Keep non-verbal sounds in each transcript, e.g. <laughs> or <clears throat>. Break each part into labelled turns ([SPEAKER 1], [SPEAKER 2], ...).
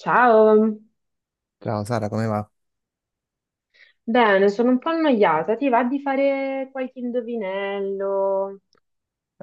[SPEAKER 1] Ciao,
[SPEAKER 2] Ciao Sara, come va?
[SPEAKER 1] bene, sono un po' annoiata. Ti va di fare qualche indovinello?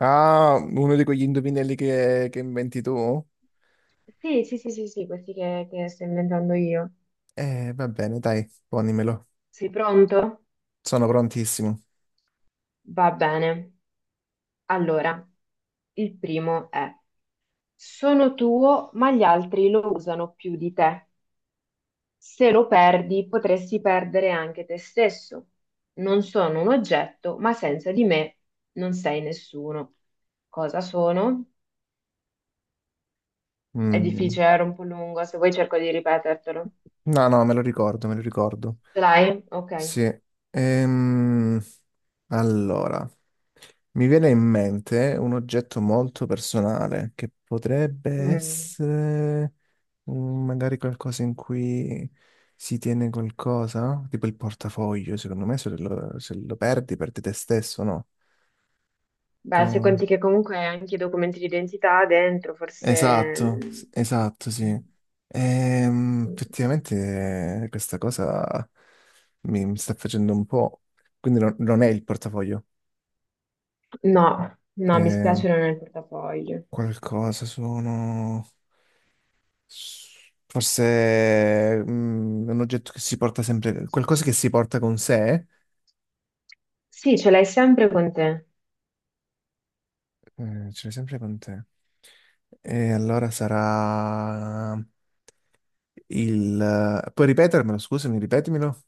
[SPEAKER 2] Ah, uno di quegli indovinelli che inventi tu?
[SPEAKER 1] Sì, sì, sì, sì, sì, questi che sto inventando io.
[SPEAKER 2] Va bene, dai, ponimelo.
[SPEAKER 1] Sei pronto?
[SPEAKER 2] Sono prontissimo.
[SPEAKER 1] Va bene. Allora, il primo è: sono tuo, ma gli altri lo usano più di te. Se lo perdi, potresti perdere anche te stesso. Non sono un oggetto, ma senza di me non sei nessuno. Cosa sono? È
[SPEAKER 2] Mm.
[SPEAKER 1] difficile, era un po' lungo, se vuoi cerco di ripetertelo.
[SPEAKER 2] No, no, me lo ricordo, me lo ricordo.
[SPEAKER 1] Ce l'hai? Ok.
[SPEAKER 2] Sì. Ehm, allora, mi viene in mente un oggetto molto personale che potrebbe
[SPEAKER 1] Mm.
[SPEAKER 2] essere magari qualcosa in cui si tiene qualcosa, tipo il portafoglio, secondo me se lo perdi, perdi te stesso, no?
[SPEAKER 1] Beh, se
[SPEAKER 2] Co-
[SPEAKER 1] conti che comunque hai anche i documenti di identità dentro,
[SPEAKER 2] Esatto,
[SPEAKER 1] forse...
[SPEAKER 2] esatto, sì.
[SPEAKER 1] Mm.
[SPEAKER 2] Effettivamente questa cosa mi sta facendo un po'. Quindi non è il portafoglio.
[SPEAKER 1] No, no, mi
[SPEAKER 2] Ehm,
[SPEAKER 1] spiace, non è nel portafoglio.
[SPEAKER 2] qualcosa sono. Forse un oggetto che si porta sempre. Qualcosa che si porta con sé.
[SPEAKER 1] Sì, ce l'hai sempre con te.
[SPEAKER 2] Ce l'hai sempre con te. E allora sarà il... Puoi ripetermelo, scusami, ripetimelo?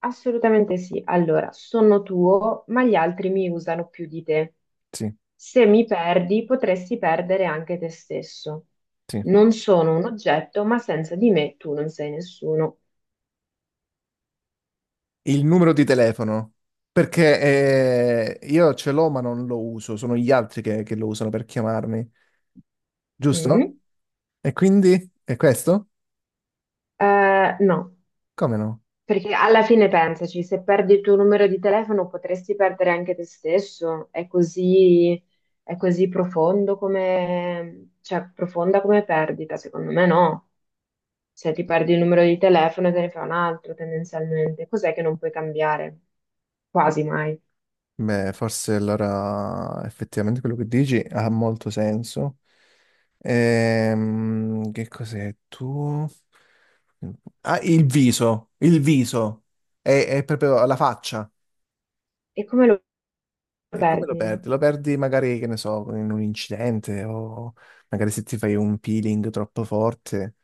[SPEAKER 1] Assolutamente sì. Allora, sono tuo, ma gli altri mi usano più di te.
[SPEAKER 2] Sì,
[SPEAKER 1] Se mi perdi, potresti perdere anche te stesso.
[SPEAKER 2] sì.
[SPEAKER 1] Non sono un oggetto, ma senza di me tu non sei nessuno.
[SPEAKER 2] Il numero di telefono, perché io ce l'ho ma non lo uso, sono gli altri che lo usano per chiamarmi, giusto?
[SPEAKER 1] Mm.
[SPEAKER 2] E quindi è questo?
[SPEAKER 1] No,
[SPEAKER 2] Come no?
[SPEAKER 1] perché alla fine pensaci, se perdi il tuo numero di telefono potresti perdere anche te stesso, è così profondo come, cioè, profonda come perdita, secondo me no. Se ti perdi il numero di telefono te ne fai un altro tendenzialmente, cos'è che non puoi cambiare? Quasi mai.
[SPEAKER 2] Beh, forse allora effettivamente quello che dici ha molto senso. Che cos'è tu? Ah, il viso, è proprio la faccia.
[SPEAKER 1] E come lo
[SPEAKER 2] E come lo
[SPEAKER 1] perdi?
[SPEAKER 2] perdi? Lo perdi magari, che ne so, in un incidente o magari se ti fai un peeling troppo forte,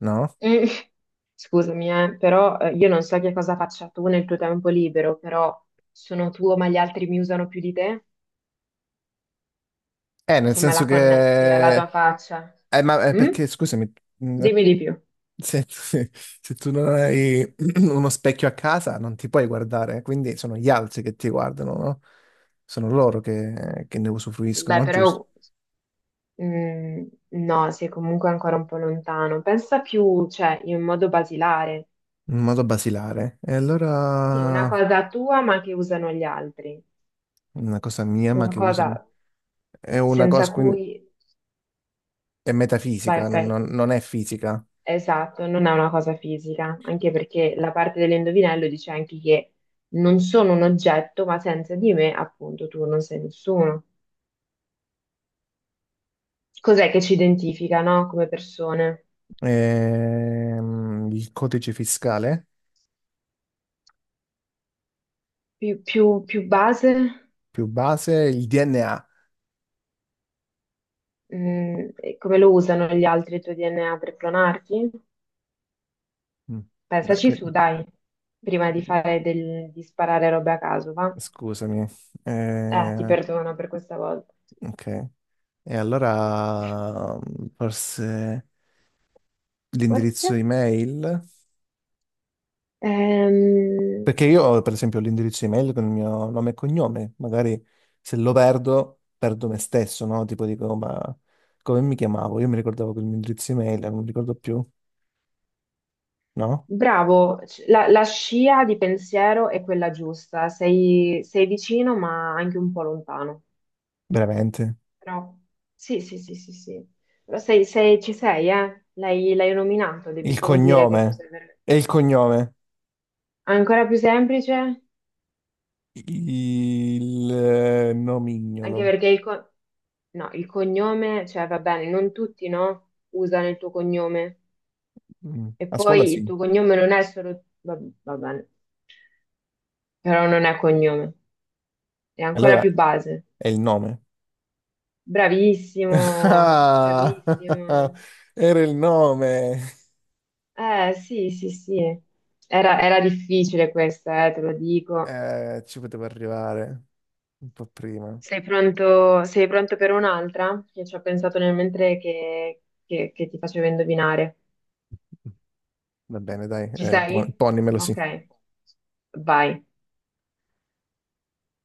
[SPEAKER 2] no?
[SPEAKER 1] Mm. <laughs> Scusami, però io non so che cosa faccia tu nel tuo tempo libero, però sono tuo ma gli altri mi usano più di te?
[SPEAKER 2] Nel
[SPEAKER 1] Come
[SPEAKER 2] senso
[SPEAKER 1] la connetti alla
[SPEAKER 2] che...
[SPEAKER 1] tua faccia?
[SPEAKER 2] Ma
[SPEAKER 1] Mm?
[SPEAKER 2] perché, scusami, mh,
[SPEAKER 1] Dimmi di più.
[SPEAKER 2] se, <laughs> se tu non hai <clears throat> uno specchio a casa non ti puoi guardare, quindi sono gli altri che ti guardano, no? Sono loro che ne
[SPEAKER 1] Beh,
[SPEAKER 2] usufruiscono, giusto?
[SPEAKER 1] però mm, no, sei comunque ancora un po' lontano. Pensa più, cioè, in modo basilare.
[SPEAKER 2] In modo basilare. E
[SPEAKER 1] Sì, è una
[SPEAKER 2] allora
[SPEAKER 1] cosa tua, ma che usano gli altri.
[SPEAKER 2] una cosa mia, ma
[SPEAKER 1] Una
[SPEAKER 2] che usano...
[SPEAKER 1] cosa
[SPEAKER 2] È una
[SPEAKER 1] senza
[SPEAKER 2] cosa, quindi...
[SPEAKER 1] cui...
[SPEAKER 2] È
[SPEAKER 1] Vai,
[SPEAKER 2] metafisica,
[SPEAKER 1] vai.
[SPEAKER 2] non è fisica.
[SPEAKER 1] Esatto, non è una cosa fisica, anche perché la parte dell'indovinello dice anche che non sono un oggetto, ma senza di me, appunto, tu non sei nessuno. Cos'è che ci identifica, no? Come persone?
[SPEAKER 2] Il codice fiscale
[SPEAKER 1] Più, più base?
[SPEAKER 2] più base, il DNA.
[SPEAKER 1] Mm, e come lo usano gli altri il tuo DNA per clonarti?
[SPEAKER 2] Mm. Beh,
[SPEAKER 1] Pensaci su, dai, prima di fare di sparare robe a caso, va?
[SPEAKER 2] scusami.
[SPEAKER 1] Ti
[SPEAKER 2] Eh,
[SPEAKER 1] perdono per questa volta.
[SPEAKER 2] ok. E allora forse
[SPEAKER 1] Forse?
[SPEAKER 2] l'indirizzo email?
[SPEAKER 1] Ehm,
[SPEAKER 2] Perché io ho per esempio l'indirizzo email con il mio nome e cognome. Magari se lo perdo, perdo me stesso, no? Tipo dico, ma come mi chiamavo? Io mi ricordavo che il mio indirizzo email, non mi ricordo più, no?
[SPEAKER 1] bravo, la, la scia di pensiero è quella giusta, sei vicino ma anche un po' lontano.
[SPEAKER 2] Veramente.
[SPEAKER 1] Però sì, sì, sì, sì, sì. Lo sei, ci sei, eh? L'hai nominato, devi
[SPEAKER 2] Il
[SPEAKER 1] solo dire che
[SPEAKER 2] cognome.
[SPEAKER 1] cos'è veramente.
[SPEAKER 2] E il cognome.
[SPEAKER 1] Ancora più semplice,
[SPEAKER 2] Il
[SPEAKER 1] anche
[SPEAKER 2] nomignolo.
[SPEAKER 1] perché il, no, il cognome, cioè va bene, non tutti, no? Usano il tuo cognome.
[SPEAKER 2] Mm.
[SPEAKER 1] E
[SPEAKER 2] A scuola
[SPEAKER 1] poi il
[SPEAKER 2] sì.
[SPEAKER 1] tuo cognome non è solo, va, va bene, però non è cognome, è ancora
[SPEAKER 2] Allora
[SPEAKER 1] più base.
[SPEAKER 2] è il nome. <laughs>
[SPEAKER 1] Bravissimo,
[SPEAKER 2] Ah! <laughs>
[SPEAKER 1] bravissimo.
[SPEAKER 2] Era il nome.
[SPEAKER 1] Sì, sì, sì. Era, era difficile questa, te lo dico.
[SPEAKER 2] Ci potevo arrivare un po' prima.
[SPEAKER 1] Sei pronto per un'altra? Che ci ho pensato nel mentre che, che ti facevo indovinare.
[SPEAKER 2] Va bene, dai,
[SPEAKER 1] Ci sei?
[SPEAKER 2] ponimelo
[SPEAKER 1] Ok,
[SPEAKER 2] sì.
[SPEAKER 1] vai.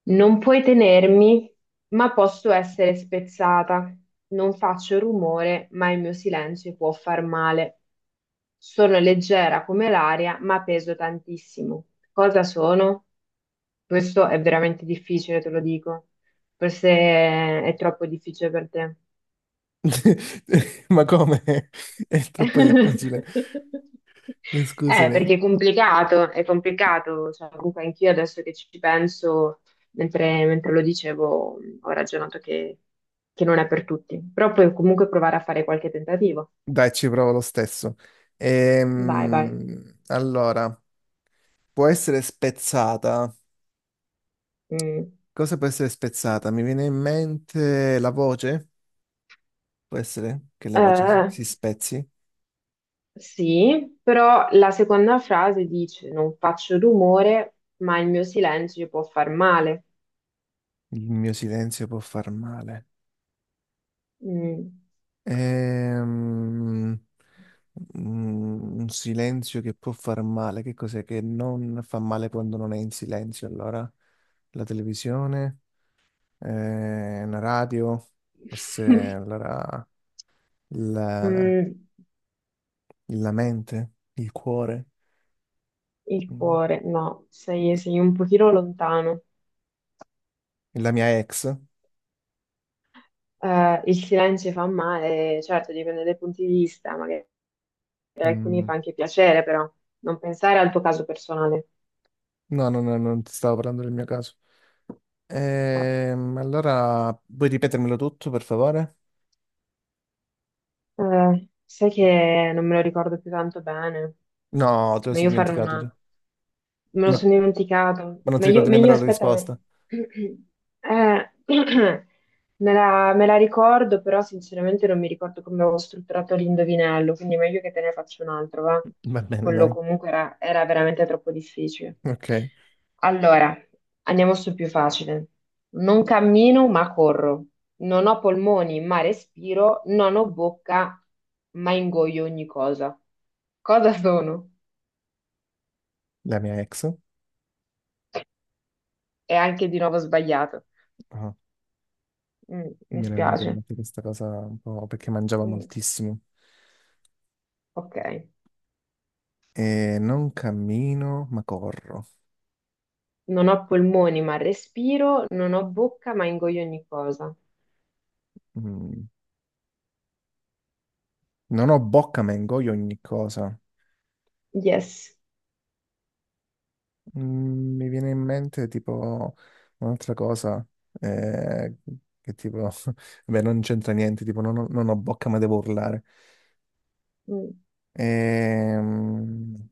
[SPEAKER 1] Non puoi tenermi, ma posso essere spezzata. Non faccio rumore, ma il mio silenzio può far male. Sono leggera come l'aria, ma peso tantissimo. Cosa sono? Questo è veramente difficile, te lo dico. Forse è troppo difficile per te.
[SPEAKER 2] <laughs> Ma come? <laughs> È troppo
[SPEAKER 1] Eh,
[SPEAKER 2] difficile. Scusami.
[SPEAKER 1] perché è complicato, cioè, comunque anch'io adesso che ci penso, mentre lo dicevo, ho ragionato che non è per tutti, però puoi comunque provare a fare qualche tentativo.
[SPEAKER 2] Dai, ci provo lo stesso.
[SPEAKER 1] Vai, vai.
[SPEAKER 2] Allora. Può essere spezzata.
[SPEAKER 1] Mm.
[SPEAKER 2] Cosa può essere spezzata? Mi viene in mente la voce? Può essere che la voce
[SPEAKER 1] Eh,
[SPEAKER 2] si spezzi?
[SPEAKER 1] sì, però la seconda frase dice: Non faccio rumore, ma il mio silenzio può far male.
[SPEAKER 2] Il mio silenzio può far male.
[SPEAKER 1] Mm.
[SPEAKER 2] Ehm, un silenzio che può far male. Che cos'è che non fa male quando non è in silenzio? Allora, la televisione, la radio, forse
[SPEAKER 1] <laughs>
[SPEAKER 2] allora la,
[SPEAKER 1] Mm.
[SPEAKER 2] la mente, il cuore,
[SPEAKER 1] Il
[SPEAKER 2] mm,
[SPEAKER 1] cuore, no, sei, sei un pochino lontano.
[SPEAKER 2] la mia ex.
[SPEAKER 1] Il silenzio fa male, certo, dipende dai punti di vista, magari per alcuni
[SPEAKER 2] Mm.
[SPEAKER 1] fa anche piacere, però non pensare al tuo caso personale.
[SPEAKER 2] No, no, no, non ti stavo parlando del mio caso. Allora, puoi ripetermelo tutto, per favore?
[SPEAKER 1] Sai che non me lo ricordo più tanto bene,
[SPEAKER 2] No, te lo sei
[SPEAKER 1] meglio fare
[SPEAKER 2] dimenticato già.
[SPEAKER 1] una... Me lo
[SPEAKER 2] Ma,
[SPEAKER 1] sono dimenticato.
[SPEAKER 2] ma non ti
[SPEAKER 1] Meglio,
[SPEAKER 2] ricordi
[SPEAKER 1] meglio
[SPEAKER 2] nemmeno la
[SPEAKER 1] aspettami.
[SPEAKER 2] risposta?
[SPEAKER 1] <clears throat> <clears throat> Me la ricordo, però sinceramente non mi ricordo come avevo strutturato l'indovinello, quindi è meglio che te ne faccio un altro, va?
[SPEAKER 2] Va
[SPEAKER 1] Che
[SPEAKER 2] bene,
[SPEAKER 1] quello
[SPEAKER 2] dai.
[SPEAKER 1] comunque era, era veramente troppo difficile.
[SPEAKER 2] Ok.
[SPEAKER 1] Allora, andiamo sul più facile. Non cammino, ma corro. Non ho polmoni, ma respiro. Non ho bocca, ma ingoio ogni cosa. Cosa sono?
[SPEAKER 2] La mia ex.
[SPEAKER 1] È anche di nuovo sbagliato.
[SPEAKER 2] Ah,
[SPEAKER 1] Mm, mi
[SPEAKER 2] mi era venuta in
[SPEAKER 1] spiace.
[SPEAKER 2] mente questa cosa un po' perché mangiava
[SPEAKER 1] Mm,
[SPEAKER 2] moltissimo.
[SPEAKER 1] ok.
[SPEAKER 2] E non cammino, ma corro.
[SPEAKER 1] Non ho polmoni ma respiro, non ho bocca ma ingoio ogni cosa.
[SPEAKER 2] Mm. Non ho bocca, ma ingoio ogni cosa.
[SPEAKER 1] Yes.
[SPEAKER 2] Mm, mi viene in mente tipo un'altra cosa eh, che tipo, <laughs> beh, non c'entra niente, tipo non ho bocca ma devo urlare.
[SPEAKER 1] Mm,
[SPEAKER 2] Ehm,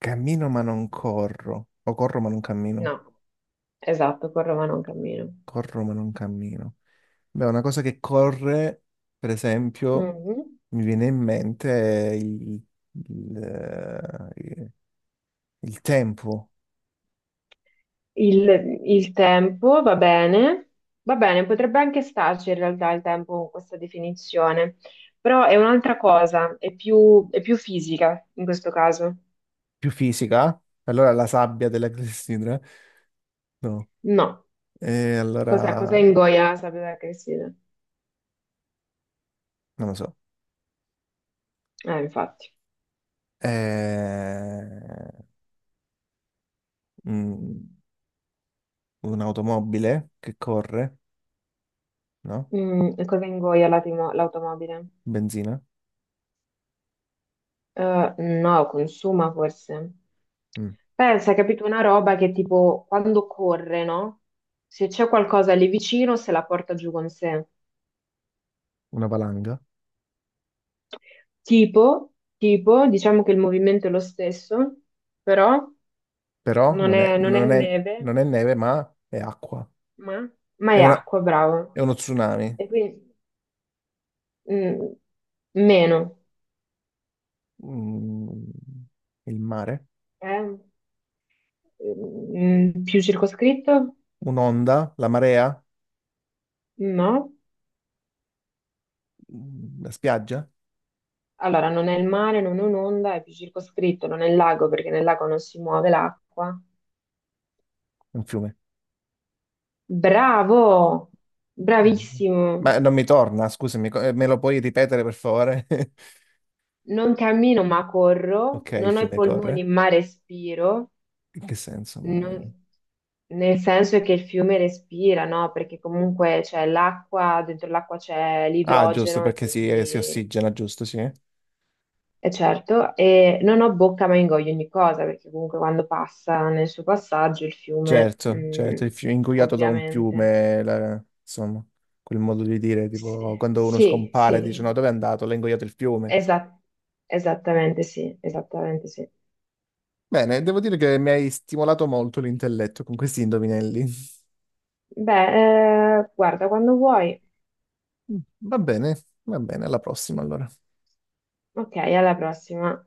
[SPEAKER 2] cammino ma non corro, o corro ma non cammino,
[SPEAKER 1] no, esatto, con Roma non cammino.
[SPEAKER 2] corro ma non cammino. Beh, una cosa che corre, per esempio,
[SPEAKER 1] Mhm.
[SPEAKER 2] mi viene in mente il, eh, il tempo
[SPEAKER 1] Il, il tempo va bene. Va bene, potrebbe anche starci in realtà il tempo con questa definizione, però è un'altra cosa, è più fisica in questo caso.
[SPEAKER 2] più fisica, allora la sabbia della <laughs> clessidra, no.
[SPEAKER 1] No.
[SPEAKER 2] E
[SPEAKER 1] Cosa, cosa
[SPEAKER 2] allora,
[SPEAKER 1] ingoia? Sapete che si...
[SPEAKER 2] non lo so,
[SPEAKER 1] infatti.
[SPEAKER 2] è mm, un'automobile che corre, no?
[SPEAKER 1] Mm, e cosa ingoia l'automobile?
[SPEAKER 2] Benzina,
[SPEAKER 1] No, consuma forse.
[SPEAKER 2] Mm,
[SPEAKER 1] Pensa, capito, una roba che tipo quando corre, no? Se c'è qualcosa lì vicino, se la porta giù con sé.
[SPEAKER 2] una valanga,
[SPEAKER 1] Tipo, tipo, diciamo che il movimento è lo stesso, però
[SPEAKER 2] però
[SPEAKER 1] non è, non è neve,
[SPEAKER 2] non è neve, ma è acqua.
[SPEAKER 1] ma, ma
[SPEAKER 2] È
[SPEAKER 1] è
[SPEAKER 2] una-
[SPEAKER 1] acqua, bravo.
[SPEAKER 2] è uno tsunami,
[SPEAKER 1] E quindi mm, meno,
[SPEAKER 2] Mm, il mare,
[SPEAKER 1] eh? Mm, più circoscritto?
[SPEAKER 2] un'onda, la marea,
[SPEAKER 1] No.
[SPEAKER 2] La spiaggia,
[SPEAKER 1] Allora, non è il mare, non è un'onda, è più circoscritto, non è il lago perché nel lago non si muove l'acqua.
[SPEAKER 2] un fiume.
[SPEAKER 1] Bravo!
[SPEAKER 2] Mm.
[SPEAKER 1] Bravissimo!
[SPEAKER 2] Ma non mi torna, scusami, me lo puoi ripetere per favore? <laughs>
[SPEAKER 1] Non cammino ma corro,
[SPEAKER 2] Ok, il
[SPEAKER 1] non ho i
[SPEAKER 2] fiume
[SPEAKER 1] polmoni
[SPEAKER 2] corre.
[SPEAKER 1] ma respiro,
[SPEAKER 2] In che senso? Ma...
[SPEAKER 1] non- nel senso è che il fiume respira, no? Perché comunque c'è l'acqua, dentro l'acqua c'è
[SPEAKER 2] Ah, giusto,
[SPEAKER 1] l'idrogeno e
[SPEAKER 2] perché si, si
[SPEAKER 1] quindi...
[SPEAKER 2] ossigena, giusto, sì.
[SPEAKER 1] E certo, e non ho bocca ma ingoio ogni cosa, perché comunque quando passa nel suo passaggio il fiume,
[SPEAKER 2] Certo, certo,
[SPEAKER 1] mm,
[SPEAKER 2] il fiume, ingoiato da un
[SPEAKER 1] ovviamente.
[SPEAKER 2] fiume, insomma, quel modo di dire,
[SPEAKER 1] Sì,
[SPEAKER 2] tipo, quando uno
[SPEAKER 1] sì,
[SPEAKER 2] scompare dice,
[SPEAKER 1] sì,
[SPEAKER 2] no, dove è andato? L'ha ingoiato il fiume.
[SPEAKER 1] Esa- esattamente sì, esattamente sì.
[SPEAKER 2] Bene, devo dire che mi hai stimolato molto l'intelletto con questi indovinelli.
[SPEAKER 1] Beh, guarda, quando vuoi.
[SPEAKER 2] <laughs> Va bene, va bene, alla prossima allora.
[SPEAKER 1] Ok, alla prossima.